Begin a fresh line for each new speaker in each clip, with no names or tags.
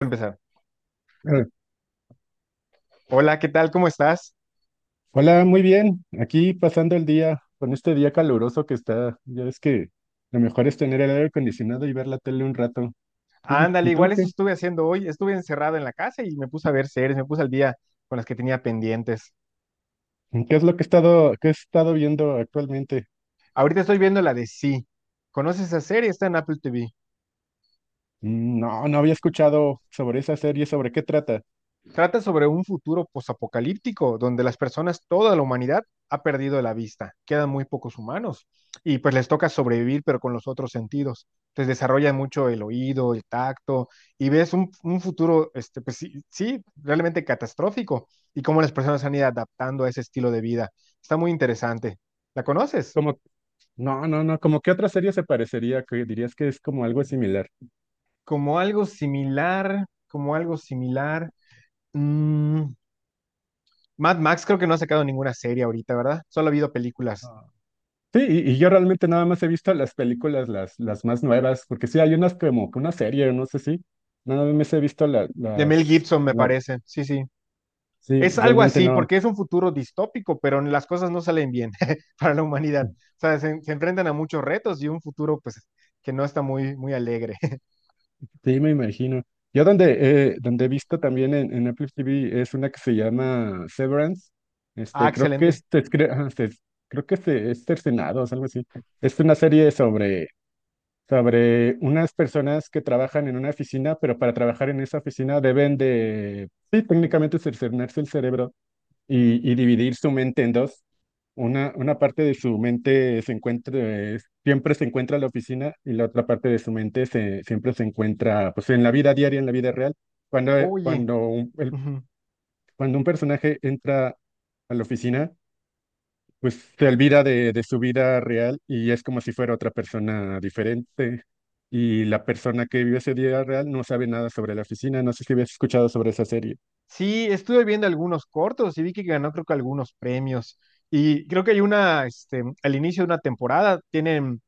Empezar.
Eh,
Hola, ¿qué tal? ¿Cómo estás?
Hola, muy bien. Aquí pasando el día con este día caluroso que está. Ya ves que lo mejor es tener el aire acondicionado y ver la tele un rato.
Ándale,
¿Y
igual
tú
eso
qué?
estuve haciendo hoy. Estuve encerrado en la casa y me puse a ver series, me puse al día con las que tenía pendientes.
¿Qué es lo que qué he estado viendo actualmente?
Ahorita estoy viendo la de Sí. ¿Conoces esa serie? Está en Apple TV.
No, no había escuchado sobre esa serie. ¿Sobre qué trata?
Trata sobre un futuro posapocalíptico donde las personas, toda la humanidad, ha perdido la vista. Quedan muy pocos humanos y pues les toca sobrevivir, pero con los otros sentidos. Entonces desarrollan mucho el oído, el tacto y ves un futuro, este, pues sí, sí, realmente catastrófico y cómo las personas han ido adaptando a ese estilo de vida. Está muy interesante. ¿La conoces?
Como, no, no, no, ¿como qué otra serie se parecería, que dirías que es como algo similar?
Como algo similar, como algo similar. mm, Mad Max creo que no ha sacado ninguna serie ahorita, ¿verdad? Solo ha habido películas.
Ah. Sí, y yo realmente nada más he visto las películas, las más nuevas, porque sí hay unas como que una serie, no sé si. Nada más he visto
De Mel Gibson, me
la-
parece. Sí, sí.
Sí,
Es algo
realmente
así,
no.
porque es un futuro distópico, pero las cosas no salen bien para la humanidad. O sea, se enfrentan a muchos retos y un futuro, pues, que no está muy, muy alegre.
Sí, me imagino. Yo donde, donde he visto también en Apple TV es una que se llama Severance.
Ah,
Este, creo que
excelente.
es, ajá, se- creo que es Cercenados, algo así. Es una serie sobre, sobre unas personas que trabajan en una oficina, pero para trabajar en esa oficina deben de, sí, técnicamente cercenarse el cerebro. Y dividir su mente en dos. Una parte de su mente se encuentra, siempre se encuentra en la oficina y la otra parte de su mente siempre se encuentra pues, en la vida diaria, en la vida real. Cuando, eh,
Oye,
cuando, un, el-
ujú.
Cuando un personaje entra a la oficina, pues se olvida de su vida real y es como si fuera otra persona diferente. Y la persona que vive ese día real no sabe nada sobre la oficina. No sé si habías escuchado sobre esa serie.
Sí, estuve viendo algunos cortos y vi que ganó, creo que algunos premios. Y creo que hay una, este, al inicio de una temporada, tienen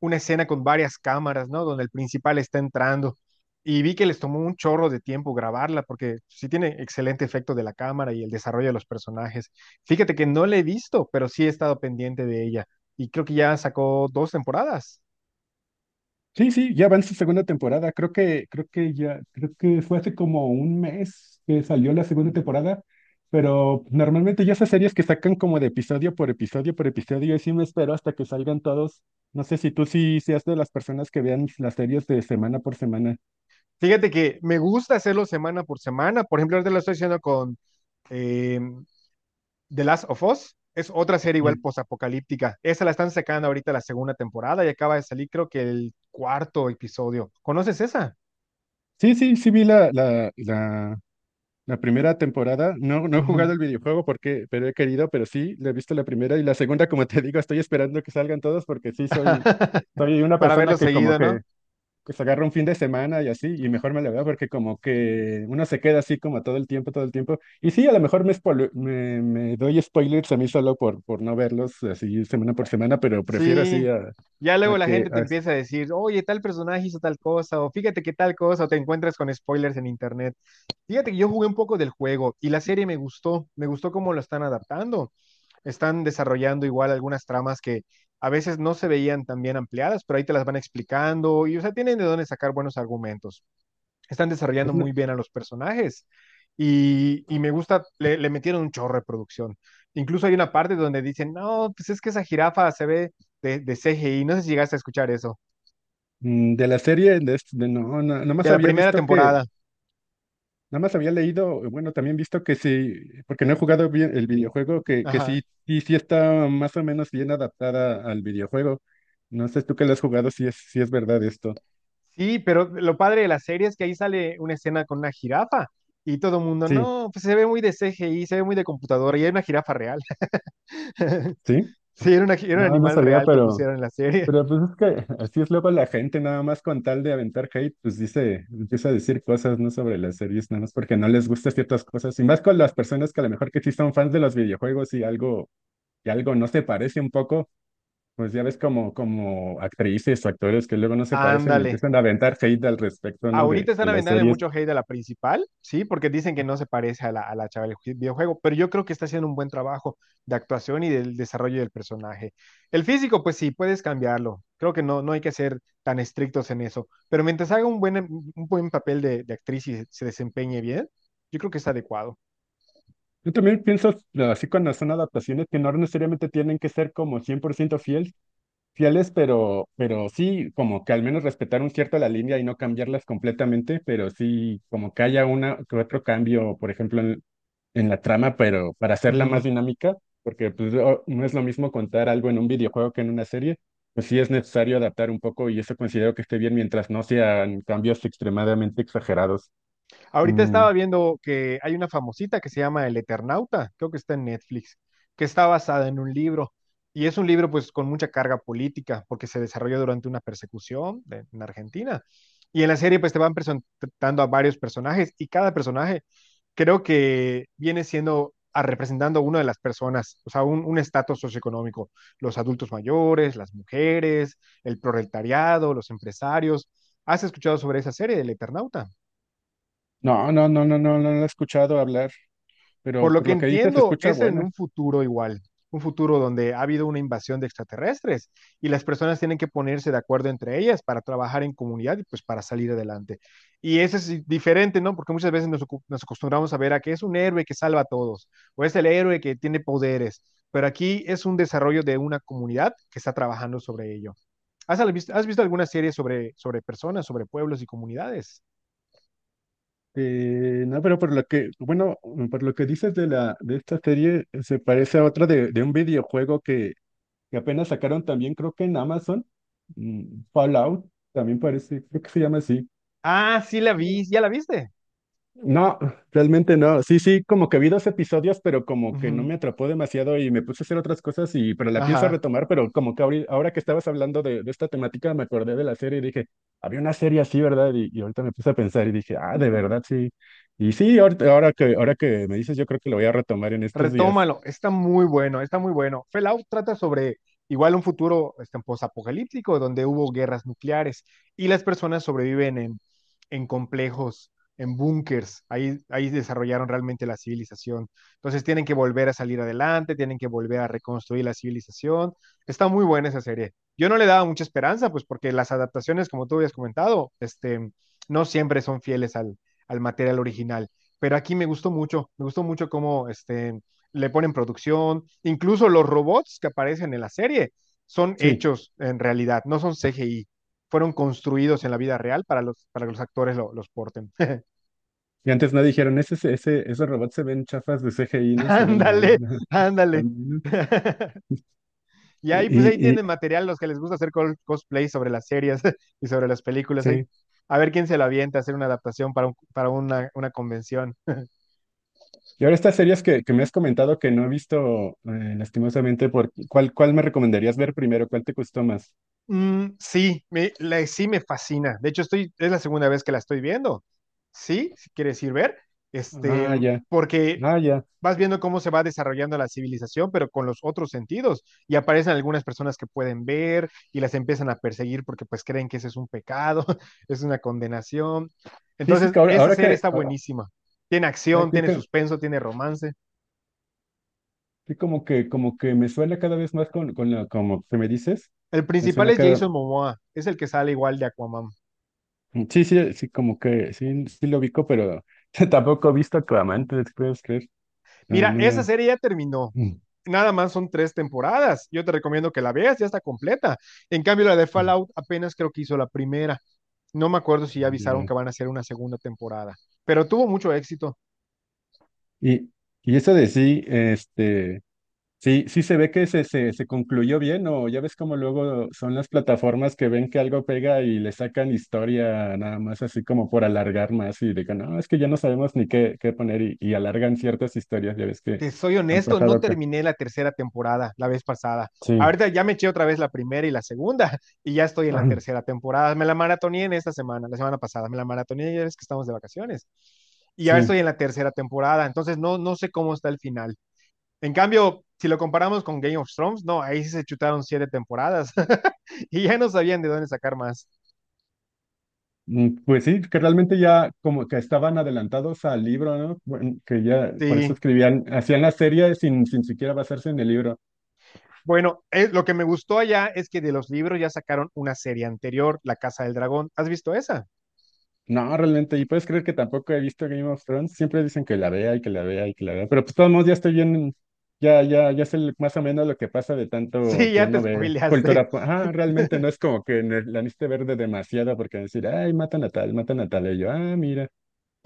una escena con varias cámaras, ¿no? Donde el principal está entrando. Y vi que les tomó un chorro de tiempo grabarla, porque sí tiene excelente efecto de la cámara y el desarrollo de los personajes. Fíjate que no la he visto, pero sí he estado pendiente de ella. Y creo que ya sacó dos temporadas.
Sí, sí, ya va en su segunda temporada. Creo que ya, creo que fue hace como un mes que salió la segunda temporada, pero normalmente ya esas series que sacan como de episodio por episodio por episodio, y sí me espero hasta que salgan todos. No sé si tú sí seas de las personas que vean las series de semana por semana.
Fíjate que me gusta hacerlo semana por semana. Por ejemplo, ahorita lo estoy haciendo con eh, The Last of Us. Es otra serie igual
Ye-
postapocalíptica. Esa la están sacando ahorita la segunda temporada y acaba de salir creo que el cuarto episodio. ¿Conoces esa?
Sí, sí, sí vi la primera temporada. No, no he jugado
Ujú.
el videojuego porque, pero he querido, pero sí, le he visto la primera y la segunda, como te digo, estoy esperando que salgan todos porque sí soy, soy una
Para
persona
verlo
que como
seguido, ¿no?
que pues agarro un fin de semana y así, y mejor me la veo porque como que uno se queda así como todo el tiempo, todo el tiempo. Y sí, a lo mejor me doy spoilers a mí solo por no verlos así semana por semana, pero prefiero así
Sí.
a,
Ya
a
luego la
que...
gente te
a-
empieza a decir, oye, tal personaje hizo tal cosa, o fíjate que tal cosa, o te encuentras con spoilers en internet. Fíjate que yo jugué un poco del juego y la serie me gustó cómo lo están adaptando. Están desarrollando igual algunas tramas que a veces no se veían tan bien ampliadas, pero ahí te las van explicando y, o sea, tienen de dónde sacar buenos argumentos. Están desarrollando
es la-
muy bien a los personajes. Y me gusta, le metieron un chorro de producción. Incluso hay una parte donde dicen, no, pues es que esa jirafa se ve de CGI. No sé si llegaste a escuchar eso.
de la serie, de no, no, nada
De
más
la
había
primera
visto que,
temporada.
nada más había leído, bueno, también visto que sí, porque no he jugado bien el videojuego, que
Ajá.
sí, sí, sí está más o menos bien adaptada al videojuego. No sé tú que lo has jugado, si es, si es verdad esto.
Sí, pero lo padre de la serie es que ahí sale una escena con una jirafa y todo el mundo,
Sí,
no, pues se ve muy de CGI, se ve muy de computadora y era una jirafa real.
sí.
Sí, era un
No, no
animal
sabía,
real que pusieron en la serie.
pero pues es que así es luego la gente, nada más con tal de aventar hate, pues dice, empieza a decir cosas, ¿no? Sobre las series, nada más porque no les gustan ciertas cosas. Y más con las personas que a lo mejor que sí son fans de los videojuegos y algo no se parece un poco, pues ya ves como, como actrices o actores que luego no se parecen y
Ándale,
empiezan a aventar hate al respecto, ¿no?
ahorita
De
están
las
aventándole
series.
mucho hate a la principal, ¿sí? Porque dicen que no se parece a la chava del videojuego, pero yo creo que está haciendo un buen trabajo de actuación y del desarrollo del personaje. El físico, pues sí, puedes cambiarlo. Creo que no, no hay que ser tan estrictos en eso, pero mientras haga un buen papel de actriz y se desempeñe bien, yo creo que está adecuado.
Yo también pienso, así cuando son adaptaciones, que no necesariamente tienen que ser como 100% fieles. Fieles, pero sí, como que al menos respetar un cierto la línea y no cambiarlas completamente, pero sí, como que haya una que otro cambio, por ejemplo, en la trama, pero para hacerla más dinámica, porque pues, o- no es lo mismo contar algo en un videojuego que en una serie, pues sí es necesario adaptar un poco y eso considero que esté bien mientras no sean cambios extremadamente exagerados.
Ahorita
Mm,
estaba viendo que hay una famosita que se llama El Eternauta, creo que está en Netflix, que está basada en un libro. Y es un libro pues con mucha carga política porque se desarrolla durante una persecución en Argentina. Y en la serie pues te van presentando a varios personajes y cada personaje creo que viene siendo a representando a una de las personas, o sea, un estatus socioeconómico, los adultos mayores, las mujeres, el proletariado, los empresarios. ¿Has escuchado sobre esa serie, El Eternauta?
No, no, no, no, no, no lo he escuchado hablar,
Por
pero
lo
por
que
lo que dices, se
entiendo,
escucha
es en
buena.
un futuro igual, un futuro donde ha habido una invasión de extraterrestres y las personas tienen que ponerse de acuerdo entre ellas para trabajar en comunidad y pues para salir adelante. Y eso es diferente, ¿no? Porque muchas veces nos acostumbramos a ver a que es un héroe que salva a todos o es el héroe que tiene poderes, pero aquí es un desarrollo de una comunidad que está trabajando sobre ello. ¿Has visto alguna serie sobre personas, sobre pueblos y comunidades?
No, pero por lo que, bueno, por lo que dices de la, de esta serie, se parece a otra de un videojuego que apenas sacaron también, creo que en Amazon, Fallout, también parece, creo que se llama así.
Ah, sí la vi, ¿ya la viste?
No, realmente no. Sí, sí, como que vi dos episodios, pero como que no
Ujú.
me atrapó demasiado y me puse a hacer otras cosas y, pero la pienso
Ajá.
retomar, pero como que ahora que estabas hablando de esta temática me acordé de la serie y dije, había una serie así, ¿verdad? Y ahorita me puse a pensar y dije, ah, de verdad, sí. Y sí, ahora ahora que me dices, yo creo que lo voy a retomar en estos días.
Retómalo, está muy bueno, está muy bueno. Fallout trata sobre igual un futuro este, posapocalíptico donde hubo guerras nucleares y las personas sobreviven en complejos, en búnkers. Ahí desarrollaron realmente la civilización. Entonces tienen que volver a salir adelante, tienen que volver a reconstruir la civilización. Está muy buena esa serie. Yo no le daba mucha esperanza, pues porque las adaptaciones, como tú habías comentado, este, no siempre son fieles al material original, pero aquí me gustó mucho cómo este, le ponen producción, incluso los robots que aparecen en la serie son
Sí.
hechos en realidad, no son CGI, fueron construidos en la vida real para que los actores los porten.
Y antes no dijeron, esos robots se ven chafas de CGI, no se ven mal.
Ándale, ándale.
También, ¿no?
Y
Y,
ahí pues ahí
y, y-
tienen material los que les gusta hacer cosplay sobre las series y sobre las películas. Ahí,
sí.
a ver quién se lo avienta a hacer una adaptación para una convención.
Y ahora estas series que me has comentado que no he visto, lastimosamente, por, ¿cuál me recomendarías ver primero? ¿Cuál te gustó más?
Mm, sí, sí me fascina. De hecho, estoy, es la segunda vez que la estoy viendo. Sí, si quieres ir ver, este,
Ah, ya,
porque
ah, ya.
vas viendo cómo se va desarrollando la civilización, pero con los otros sentidos. Y aparecen algunas personas que pueden ver y las empiezan a perseguir porque pues creen que ese es un pecado, es una condenación.
Sí, sí,
Entonces,
que ahora,
esta serie está
ah,
buenísima. Tiene
ya
acción,
que,
tiene
que-
suspenso, tiene romance.
que como que, como que me suena cada vez más con la, como que me dices,
El
me
principal
suena
es
cada,
Jason Momoa, es el que sale igual de Aquaman.
sí, sí, sí, como que, sí, sí lo ubico, pero tampoco he visto Aquaman, ¿te puedes creer? No,
Mira,
no,
esa
no.
serie ya terminó.
Mm,
Nada más son tres temporadas. Yo te recomiendo que la veas, ya está completa. En cambio, la de
mm,
Fallout apenas creo que hizo la primera. No me acuerdo si ya avisaron
ya.
que van a hacer una segunda temporada, pero tuvo mucho éxito.
Y, y eso de sí, este... Sí, sí se ve que se concluyó bien, o ya ves como luego son las plataformas que ven que algo pega y le sacan historia nada más así como por alargar más y digan, no, es que ya no sabemos ni qué, qué poner y alargan ciertas historias, ya ves que
Te soy
han
honesto,
pasado
no
acá.
terminé la tercera temporada la vez pasada.
Sí,
Ahorita ya me eché otra vez la primera y la segunda y ya estoy en la tercera temporada. Me la maratoné en esta semana, la semana pasada, me la maratoné ya es que estamos de vacaciones. Y ahora estoy
sí.
en la tercera temporada, entonces no sé cómo está el final. En cambio, si lo comparamos con Game of Thrones, no, ahí sí se chutaron siete temporadas y ya no sabían de dónde sacar más.
Pues sí, que realmente ya como que estaban adelantados al libro, ¿no? Bueno, que ya por eso
Sí.
escribían, hacían la serie sin, sin siquiera basarse en el libro.
Bueno, lo que me gustó allá es que de los libros ya sacaron una serie anterior, La Casa del Dragón. ¿Has visto esa?
No, realmente, y puedes creer que tampoco he visto Game of Thrones. Siempre dicen que la vea y que la vea y que la vea, pero pues de todos modos ya estoy bien, ya, ya, ya sé más o menos lo que pasa de tanto
Sí,
que
ya te
uno ve
spoileaste.
cultura. Pop. Ah, realmente no es como que la necesite ver de demasiado porque decir, ay, matan a tal, matan a tal. Y yo, ah, mira,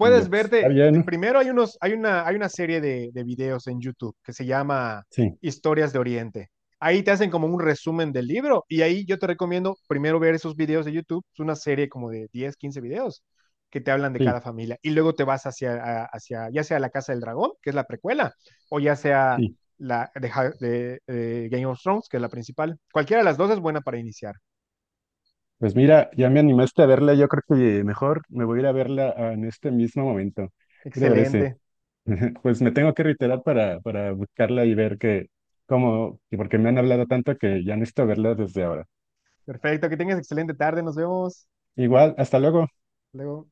y yo, pues está
verte,
bien, ¿no?
primero hay una serie de videos en YouTube que se llama
Sí,
Historias de Oriente. Ahí te hacen como un resumen del libro y ahí yo te recomiendo primero ver esos videos de YouTube. Es una serie como de 10 15 videos que te hablan de cada
sí,
familia y luego te vas hacia ya sea la Casa del Dragón, que es la precuela, o ya sea
sí.
la de, Game of Thrones, que es la principal. Cualquiera de las dos es buena para iniciar.
Pues mira, ya me animaste a verla. Yo creo que mejor me voy a ir a verla ah, en este mismo momento. ¿Qué te parece?
Excelente.
Pues me tengo que reiterar para buscarla y ver que, cómo, y porque me han hablado tanto que ya necesito verla desde ahora.
Perfecto, que tengas excelente tarde. Nos vemos.
Igual, hasta luego.
Luego.